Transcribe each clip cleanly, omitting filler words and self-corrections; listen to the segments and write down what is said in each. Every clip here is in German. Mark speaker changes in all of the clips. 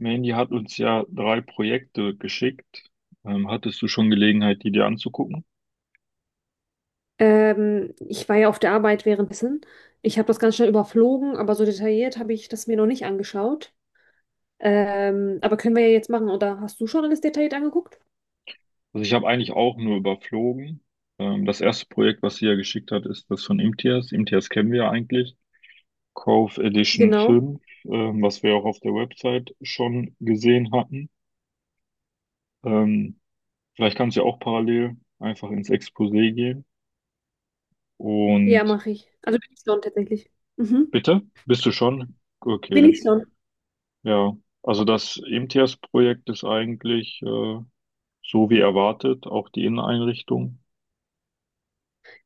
Speaker 1: Mandy hat uns ja drei Projekte geschickt. Hattest du schon Gelegenheit, die dir anzugucken?
Speaker 2: Ich war ja auf der Arbeit währenddessen. Ich habe das ganz schnell überflogen, aber so detailliert habe ich das mir noch nicht angeschaut. Aber können wir ja jetzt machen, oder hast du schon alles detailliert angeguckt?
Speaker 1: Also ich habe eigentlich auch nur überflogen. Das erste Projekt, was sie ja geschickt hat, ist das von Imtiaz. Imtiaz kennen wir ja eigentlich. Cove Edition
Speaker 2: Genau.
Speaker 1: fünf, was wir auch auf der Website schon gesehen hatten. Ähm, Vielleicht kannst du ja auch parallel einfach ins Exposé gehen.
Speaker 2: Ja,
Speaker 1: Und
Speaker 2: mache ich. Also bin ich schon tatsächlich. Mhm.
Speaker 1: bitte? Bist du schon?
Speaker 2: Bin
Speaker 1: Okay,
Speaker 2: ich schon.
Speaker 1: ja. Also das Imtiaz-Projekt ist eigentlich, so wie erwartet, auch die Inneneinrichtung.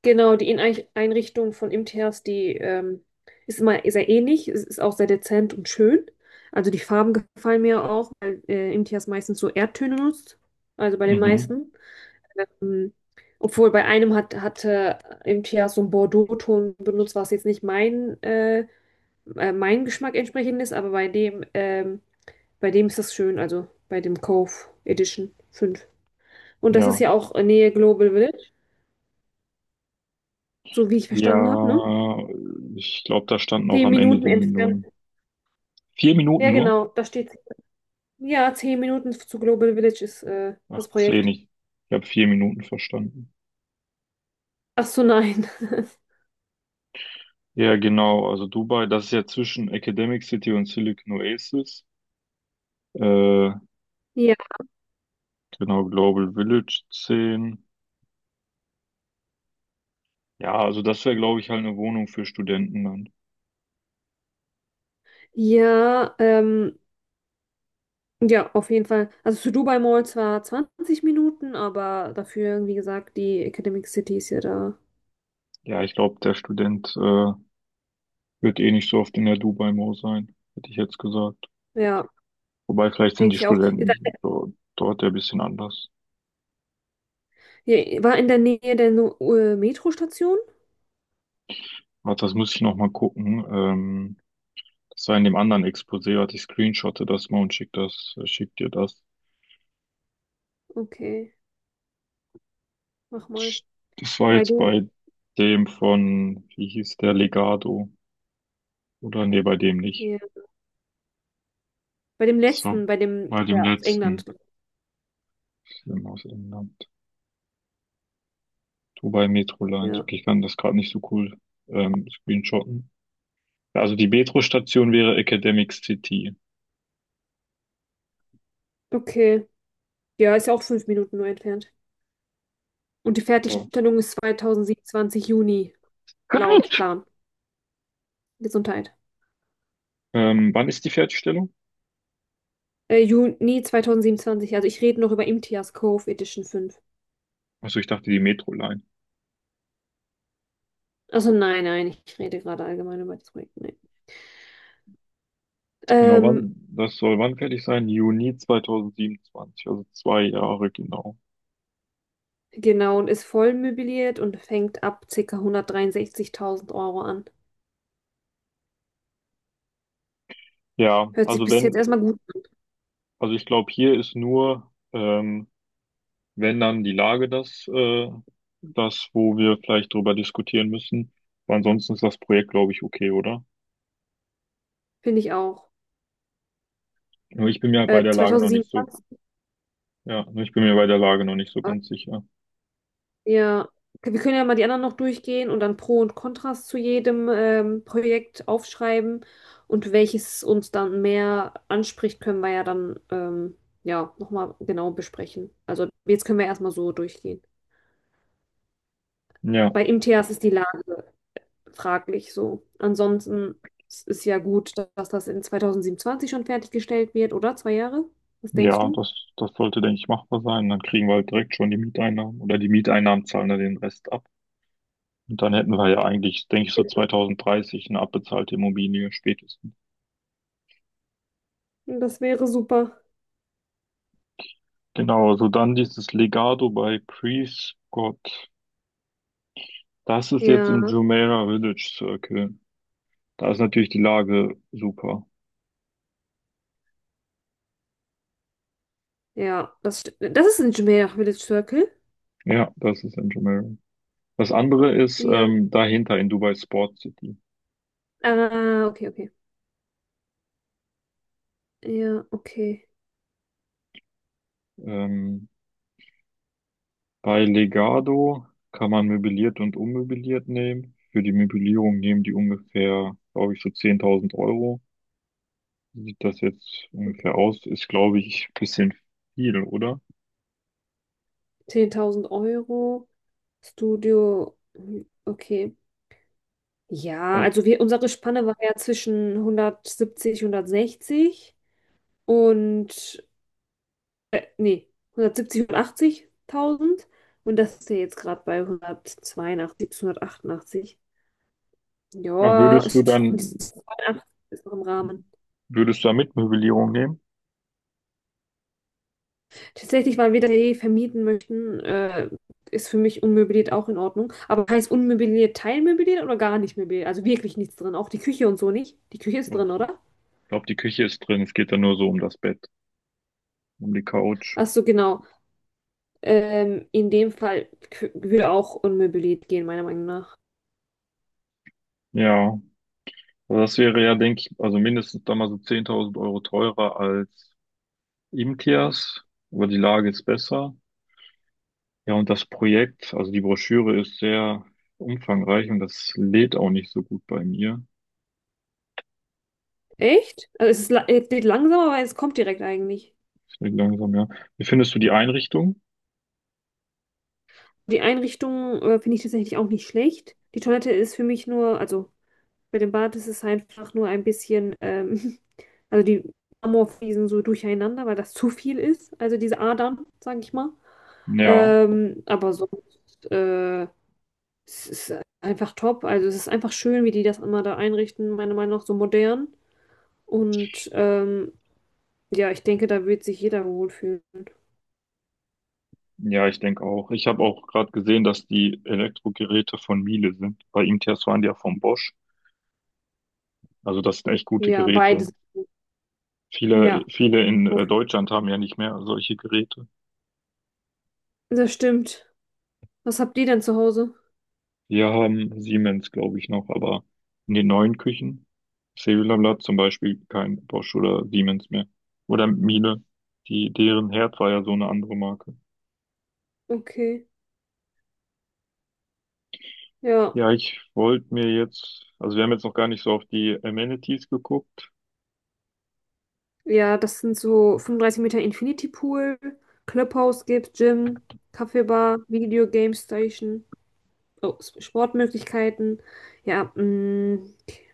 Speaker 2: Genau, die Einrichtung von IMTHs, die ist immer sehr ähnlich, es ist auch sehr dezent und schön. Also die Farben gefallen mir auch, weil IMTHs meistens so Erdtöne nutzt. Also bei den
Speaker 1: Mhm.
Speaker 2: meisten. Ähm, Obwohl bei einem hatte MTH so einen Bordeaux-Ton benutzt, was jetzt nicht mein Geschmack entsprechend ist, aber bei dem ist das schön, also bei dem Cove Edition 5. Und das
Speaker 1: Ja.
Speaker 2: ist ja auch in Nähe Global Village, so wie ich verstanden habe, ne?
Speaker 1: Ja, ich glaube, da standen auch
Speaker 2: Zehn
Speaker 1: am Ende
Speaker 2: Minuten
Speaker 1: die
Speaker 2: entfernt.
Speaker 1: Minuten. 4 Minuten
Speaker 2: Ja,
Speaker 1: nur?
Speaker 2: genau, da steht, ja, 10 Minuten zu Global Village ist
Speaker 1: Ach,
Speaker 2: das
Speaker 1: zehn.
Speaker 2: Projekt.
Speaker 1: Ich habe 4 Minuten verstanden.
Speaker 2: Ach so, nein.
Speaker 1: Ja, genau. Also Dubai, das ist ja zwischen Academic City und Silicon Oasis. Äh,
Speaker 2: Ja,
Speaker 1: genau, Global Village zehn. Ja, also das wäre, glaube ich, halt eine Wohnung für Studenten dann.
Speaker 2: ja, ja, auf jeden Fall. Also zu Dubai Mall zwar 20 Minuten, aber dafür, wie gesagt, die Academic City ist ja da.
Speaker 1: Ja, ich glaube, der Student wird eh nicht so oft in der Dubai Mall sein, hätte ich jetzt gesagt.
Speaker 2: Ja,
Speaker 1: Wobei, vielleicht sind
Speaker 2: denke
Speaker 1: die
Speaker 2: ich auch. Ist da-
Speaker 1: Studenten dort ja ein bisschen anders.
Speaker 2: hier, war in der Nähe der Metrostation?
Speaker 1: Warte, das muss ich noch mal gucken. Das war in dem anderen Exposé, warte, ich screenshotte das mal und schick dir das.
Speaker 2: Okay, mach mal.
Speaker 1: Das war
Speaker 2: Bei
Speaker 1: jetzt
Speaker 2: dem,
Speaker 1: bei dem von, wie hieß der, Legado. Oder nee, bei dem nicht.
Speaker 2: ja, bei dem
Speaker 1: Das war
Speaker 2: letzten,
Speaker 1: bei dem
Speaker 2: aus England.
Speaker 1: letzten Film aus England. Dubai Metro Lines.
Speaker 2: Ja,
Speaker 1: Okay, ich kann das gerade nicht so cool screenshotten. Ja, also die Metro-Station wäre Academic City.
Speaker 2: okay. Ja, ist ja auch 5 Minuten nur entfernt. Und die
Speaker 1: So.
Speaker 2: Fertigstellung ist 2027 Juni, laut
Speaker 1: Gut.
Speaker 2: Plan. Gesundheit.
Speaker 1: Wann ist die Fertigstellung?
Speaker 2: Juni 2027. Also ich rede noch über Imtiaz Cove Edition 5.
Speaker 1: Achso, ich dachte die Metro-Line.
Speaker 2: Also nein, nein, ich rede gerade allgemein über das Projekt. Nee.
Speaker 1: Genau,
Speaker 2: Ähm,
Speaker 1: wann, das soll wann fertig sein? Juni 2027, also 2 Jahre genau.
Speaker 2: genau, und ist voll möbliert und fängt ab ca. 163.000 € an.
Speaker 1: Ja,
Speaker 2: Hört sich
Speaker 1: also
Speaker 2: bis jetzt
Speaker 1: wenn,
Speaker 2: erstmal gut an,
Speaker 1: also ich glaube, hier ist nur, wenn dann die Lage das, das, wo wir vielleicht drüber diskutieren müssen. Aber ansonsten ist das Projekt, glaube ich, okay, oder?
Speaker 2: finde ich auch.
Speaker 1: Nur ich bin mir bei der Lage noch nicht so,
Speaker 2: 2027,
Speaker 1: ja, nur ich bin mir bei der Lage noch nicht so
Speaker 2: äh,
Speaker 1: ganz sicher.
Speaker 2: ja, wir können ja mal die anderen noch durchgehen und dann Pro und Kontras zu jedem Projekt aufschreiben und welches uns dann mehr anspricht, können wir ja dann ja, nochmal genau besprechen. Also jetzt können wir erstmal so durchgehen.
Speaker 1: Ja,
Speaker 2: Bei MTAs ist die Lage fraglich so. Ansonsten es ist ja gut, dass das in 2027 schon fertiggestellt wird, oder? 2 Jahre? Was denkst
Speaker 1: ja,
Speaker 2: du?
Speaker 1: das sollte, denke ich, machbar sein. Dann kriegen wir halt direkt schon die Mieteinnahmen oder die Mieteinnahmen zahlen dann den Rest ab. Und dann hätten wir ja eigentlich, denke ich, so
Speaker 2: Ja.
Speaker 1: 2030 eine abbezahlte Immobilie spätestens.
Speaker 2: Das wäre super.
Speaker 1: Genau, also dann dieses Legado bei Prescott. Das ist jetzt
Speaker 2: Ja,
Speaker 1: im Jumeirah Village Circle. Da ist natürlich die Lage super.
Speaker 2: ja, das ist ein Jumeirah Village Circle.
Speaker 1: Ja, das ist in Jumeirah. Das andere ist
Speaker 2: Ja,
Speaker 1: dahinter in Dubai Sport City.
Speaker 2: ah, okay, okay. Ja, okay,
Speaker 1: Ähm, Bei Legado kann man möbliert und unmöbliert nehmen. Für die Möblierung nehmen die ungefähr, glaube ich, so 10.000 Euro. Sieht das jetzt ungefähr
Speaker 2: okay.
Speaker 1: aus? Ist, glaube ich, ein bisschen viel, oder?
Speaker 2: 10.000 Euro, Studio, hm, okay. Ja,
Speaker 1: Also,
Speaker 2: also unsere Spanne war ja zwischen 170, 160 und nee, 170, 180.000 und das ist ja jetzt gerade bei 182 bis 188.
Speaker 1: na,
Speaker 2: Ja, ist, ist, ist noch im Rahmen.
Speaker 1: würdest du da mit Möblierung nehmen?
Speaker 2: Tatsächlich, weil wir das ja eh vermieten möchten, ist für mich unmöbliert auch in Ordnung. Aber heißt unmöbliert teilmöbliert oder gar nicht möbliert? Also wirklich nichts drin, auch die Küche und so nicht. Die Küche ist
Speaker 1: Doch,
Speaker 2: drin, oder?
Speaker 1: ich glaube, die Küche ist drin. Es geht dann nur so um das Bett, um die Couch.
Speaker 2: Ach so, genau. In dem Fall würde auch unmöbliert gehen, meiner Meinung nach.
Speaker 1: Ja, also das wäre ja, denke ich, also mindestens dann mal so 10.000 Euro teurer als Imkias, aber die Lage ist besser. Ja, und das Projekt, also die Broschüre ist sehr umfangreich und das lädt auch nicht so gut bei mir.
Speaker 2: Echt? Also es geht langsam, aber es kommt direkt eigentlich.
Speaker 1: Ich denke langsam, ja. Wie findest du die Einrichtung?
Speaker 2: Die Einrichtung finde ich tatsächlich auch nicht schlecht. Die Toilette ist für mich nur, also bei dem Bad ist es einfach nur ein bisschen, also die Marmorfliesen so durcheinander, weil das zu viel ist. Also diese Adern, sage ich mal.
Speaker 1: Ja.
Speaker 2: Aber sonst, es ist einfach top. Also es ist einfach schön, wie die das immer da einrichten, meiner Meinung nach so modern. Und ja, ich denke, da wird sich jeder wohlfühlen.
Speaker 1: Ja, ich denke auch. Ich habe auch gerade gesehen, dass die Elektrogeräte von Miele sind. Bei IMTS waren die ja von Bosch. Also das sind echt gute
Speaker 2: Ja,
Speaker 1: Geräte.
Speaker 2: beides.
Speaker 1: Viele,
Speaker 2: Ja,
Speaker 1: viele in Deutschland haben ja nicht mehr solche Geräte.
Speaker 2: das stimmt. Was habt ihr denn zu Hause?
Speaker 1: Wir haben Siemens, glaube ich, noch, aber in den neuen Küchen, Cellular zum Beispiel, kein Bosch oder Siemens mehr. Oder Miele. Die, deren Herd war ja so eine andere Marke.
Speaker 2: Okay. Ja,
Speaker 1: Ja, ich wollte mir jetzt, also wir haben jetzt noch gar nicht so auf die Amenities geguckt.
Speaker 2: ja, das sind so 35 Meter Infinity Pool, Clubhouse gibt's, Gym, Kaffeebar, Video Game Station, oh, Sportmöglichkeiten. Ja, mh,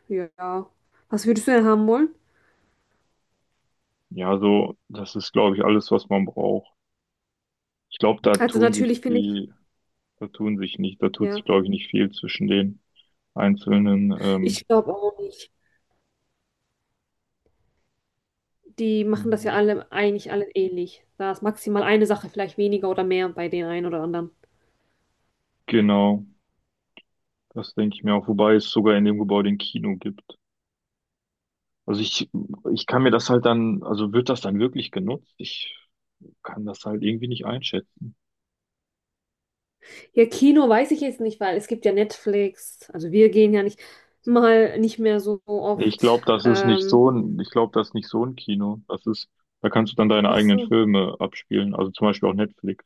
Speaker 2: ja. Was würdest du denn haben wollen?
Speaker 1: Ja, so, das ist, glaube ich, alles, was man braucht. Ich glaube, da
Speaker 2: Also
Speaker 1: tun sich
Speaker 2: natürlich finde ich,
Speaker 1: die, da tun sich nicht, da tut sich,
Speaker 2: ja,
Speaker 1: glaube ich, nicht viel zwischen den einzelnen.
Speaker 2: ich glaube auch nicht. Die machen das ja alle eigentlich alle ähnlich. Da ist maximal eine Sache, vielleicht weniger oder mehr bei den einen oder anderen.
Speaker 1: Genau, das denke ich mir auch. Wobei es sogar in dem Gebäude ein Kino gibt. Also ich kann mir das halt dann, also wird das dann wirklich genutzt? Ich kann das halt irgendwie nicht einschätzen.
Speaker 2: Ja, Kino weiß ich jetzt nicht, weil es gibt ja Netflix. Also wir gehen ja nicht mal nicht mehr so
Speaker 1: Ich
Speaker 2: oft.
Speaker 1: glaube, das ist nicht so ein, ich glaube, das ist nicht so ein Kino. Das ist, da kannst du dann deine
Speaker 2: Ach
Speaker 1: eigenen
Speaker 2: so.
Speaker 1: Filme abspielen. Also zum Beispiel auch Netflix.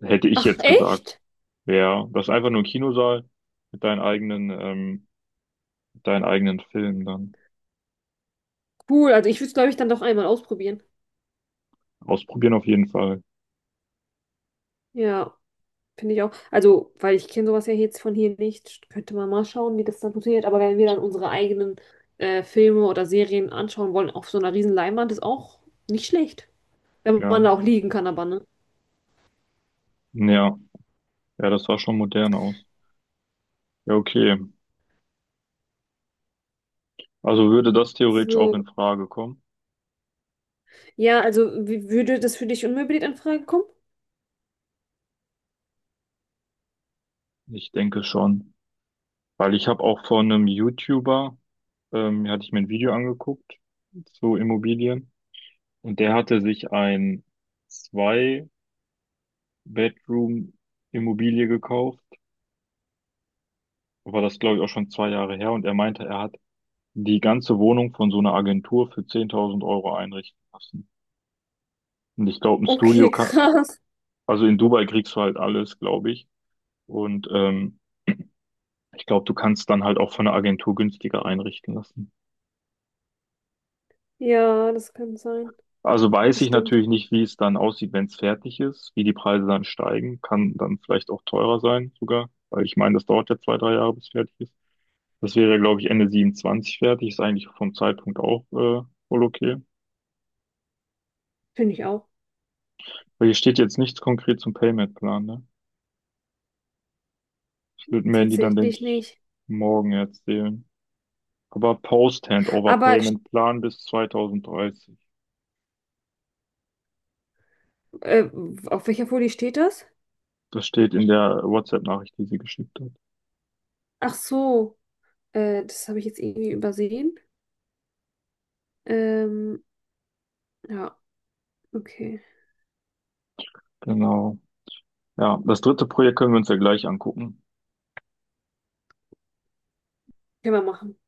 Speaker 1: Hätte ich
Speaker 2: Ach,
Speaker 1: jetzt gesagt.
Speaker 2: echt?
Speaker 1: Ja, das ist einfach nur ein Kinosaal mit deinen eigenen Film dann.
Speaker 2: Cool. Also ich würde es, glaube ich, dann doch einmal ausprobieren.
Speaker 1: Ausprobieren auf jeden Fall.
Speaker 2: Ja, finde ich auch. Also, weil ich kenne sowas ja jetzt von hier nicht, könnte man mal schauen, wie das dann funktioniert. Aber wenn wir dann unsere eigenen Filme oder Serien anschauen wollen, auf so einer riesen Leinwand, ist auch nicht schlecht. Wenn
Speaker 1: Ja.
Speaker 2: man da auch liegen kann, aber ne?
Speaker 1: Ja. Ja, das sah schon modern aus. Ja, okay. Also würde das theoretisch auch
Speaker 2: So.
Speaker 1: in Frage kommen?
Speaker 2: Ja, würde das für dich unmöbliert in Frage kommen?
Speaker 1: Ich denke schon. Weil ich habe auch von einem YouTuber, hatte ich mir ein Video angeguckt zu Immobilien. Und der hatte sich ein Zwei-Bedroom-Immobilie gekauft. War das, glaube ich, auch schon 2 Jahre her. Und er meinte, er hat die ganze Wohnung von so einer Agentur für 10.000 Euro einrichten lassen. Und ich glaube, ein Studio
Speaker 2: Okay,
Speaker 1: ka-.
Speaker 2: krass.
Speaker 1: Also in Dubai kriegst du halt alles, glaube ich. Und ich glaube, du kannst dann halt auch von einer Agentur günstiger einrichten lassen.
Speaker 2: Ja, das kann sein.
Speaker 1: Also weiß ich
Speaker 2: Bestimmt.
Speaker 1: natürlich nicht, wie es dann aussieht, wenn es fertig ist, wie die Preise dann steigen. Kann dann vielleicht auch teurer sein sogar, weil ich meine, das dauert ja 2, 3 Jahre, bis fertig ist. Das wäre, glaube ich, Ende 27 fertig. Ist eigentlich vom Zeitpunkt auch wohl okay.
Speaker 2: Finde ich auch.
Speaker 1: Weil hier steht jetzt nichts konkret zum Payment-Plan, ne? Das wird mir die dann, denke
Speaker 2: Tatsächlich
Speaker 1: ich,
Speaker 2: nicht.
Speaker 1: morgen erzählen. Aber
Speaker 2: Aber
Speaker 1: Post-Handover-Payment-Plan bis 2030.
Speaker 2: äh, auf welcher Folie steht das?
Speaker 1: Das steht in der WhatsApp-Nachricht, die sie geschickt hat.
Speaker 2: Ach so, das habe ich jetzt irgendwie übersehen. Ähm, ja, okay.
Speaker 1: Genau. Ja, das dritte Projekt können wir uns ja gleich angucken.
Speaker 2: Können wir machen.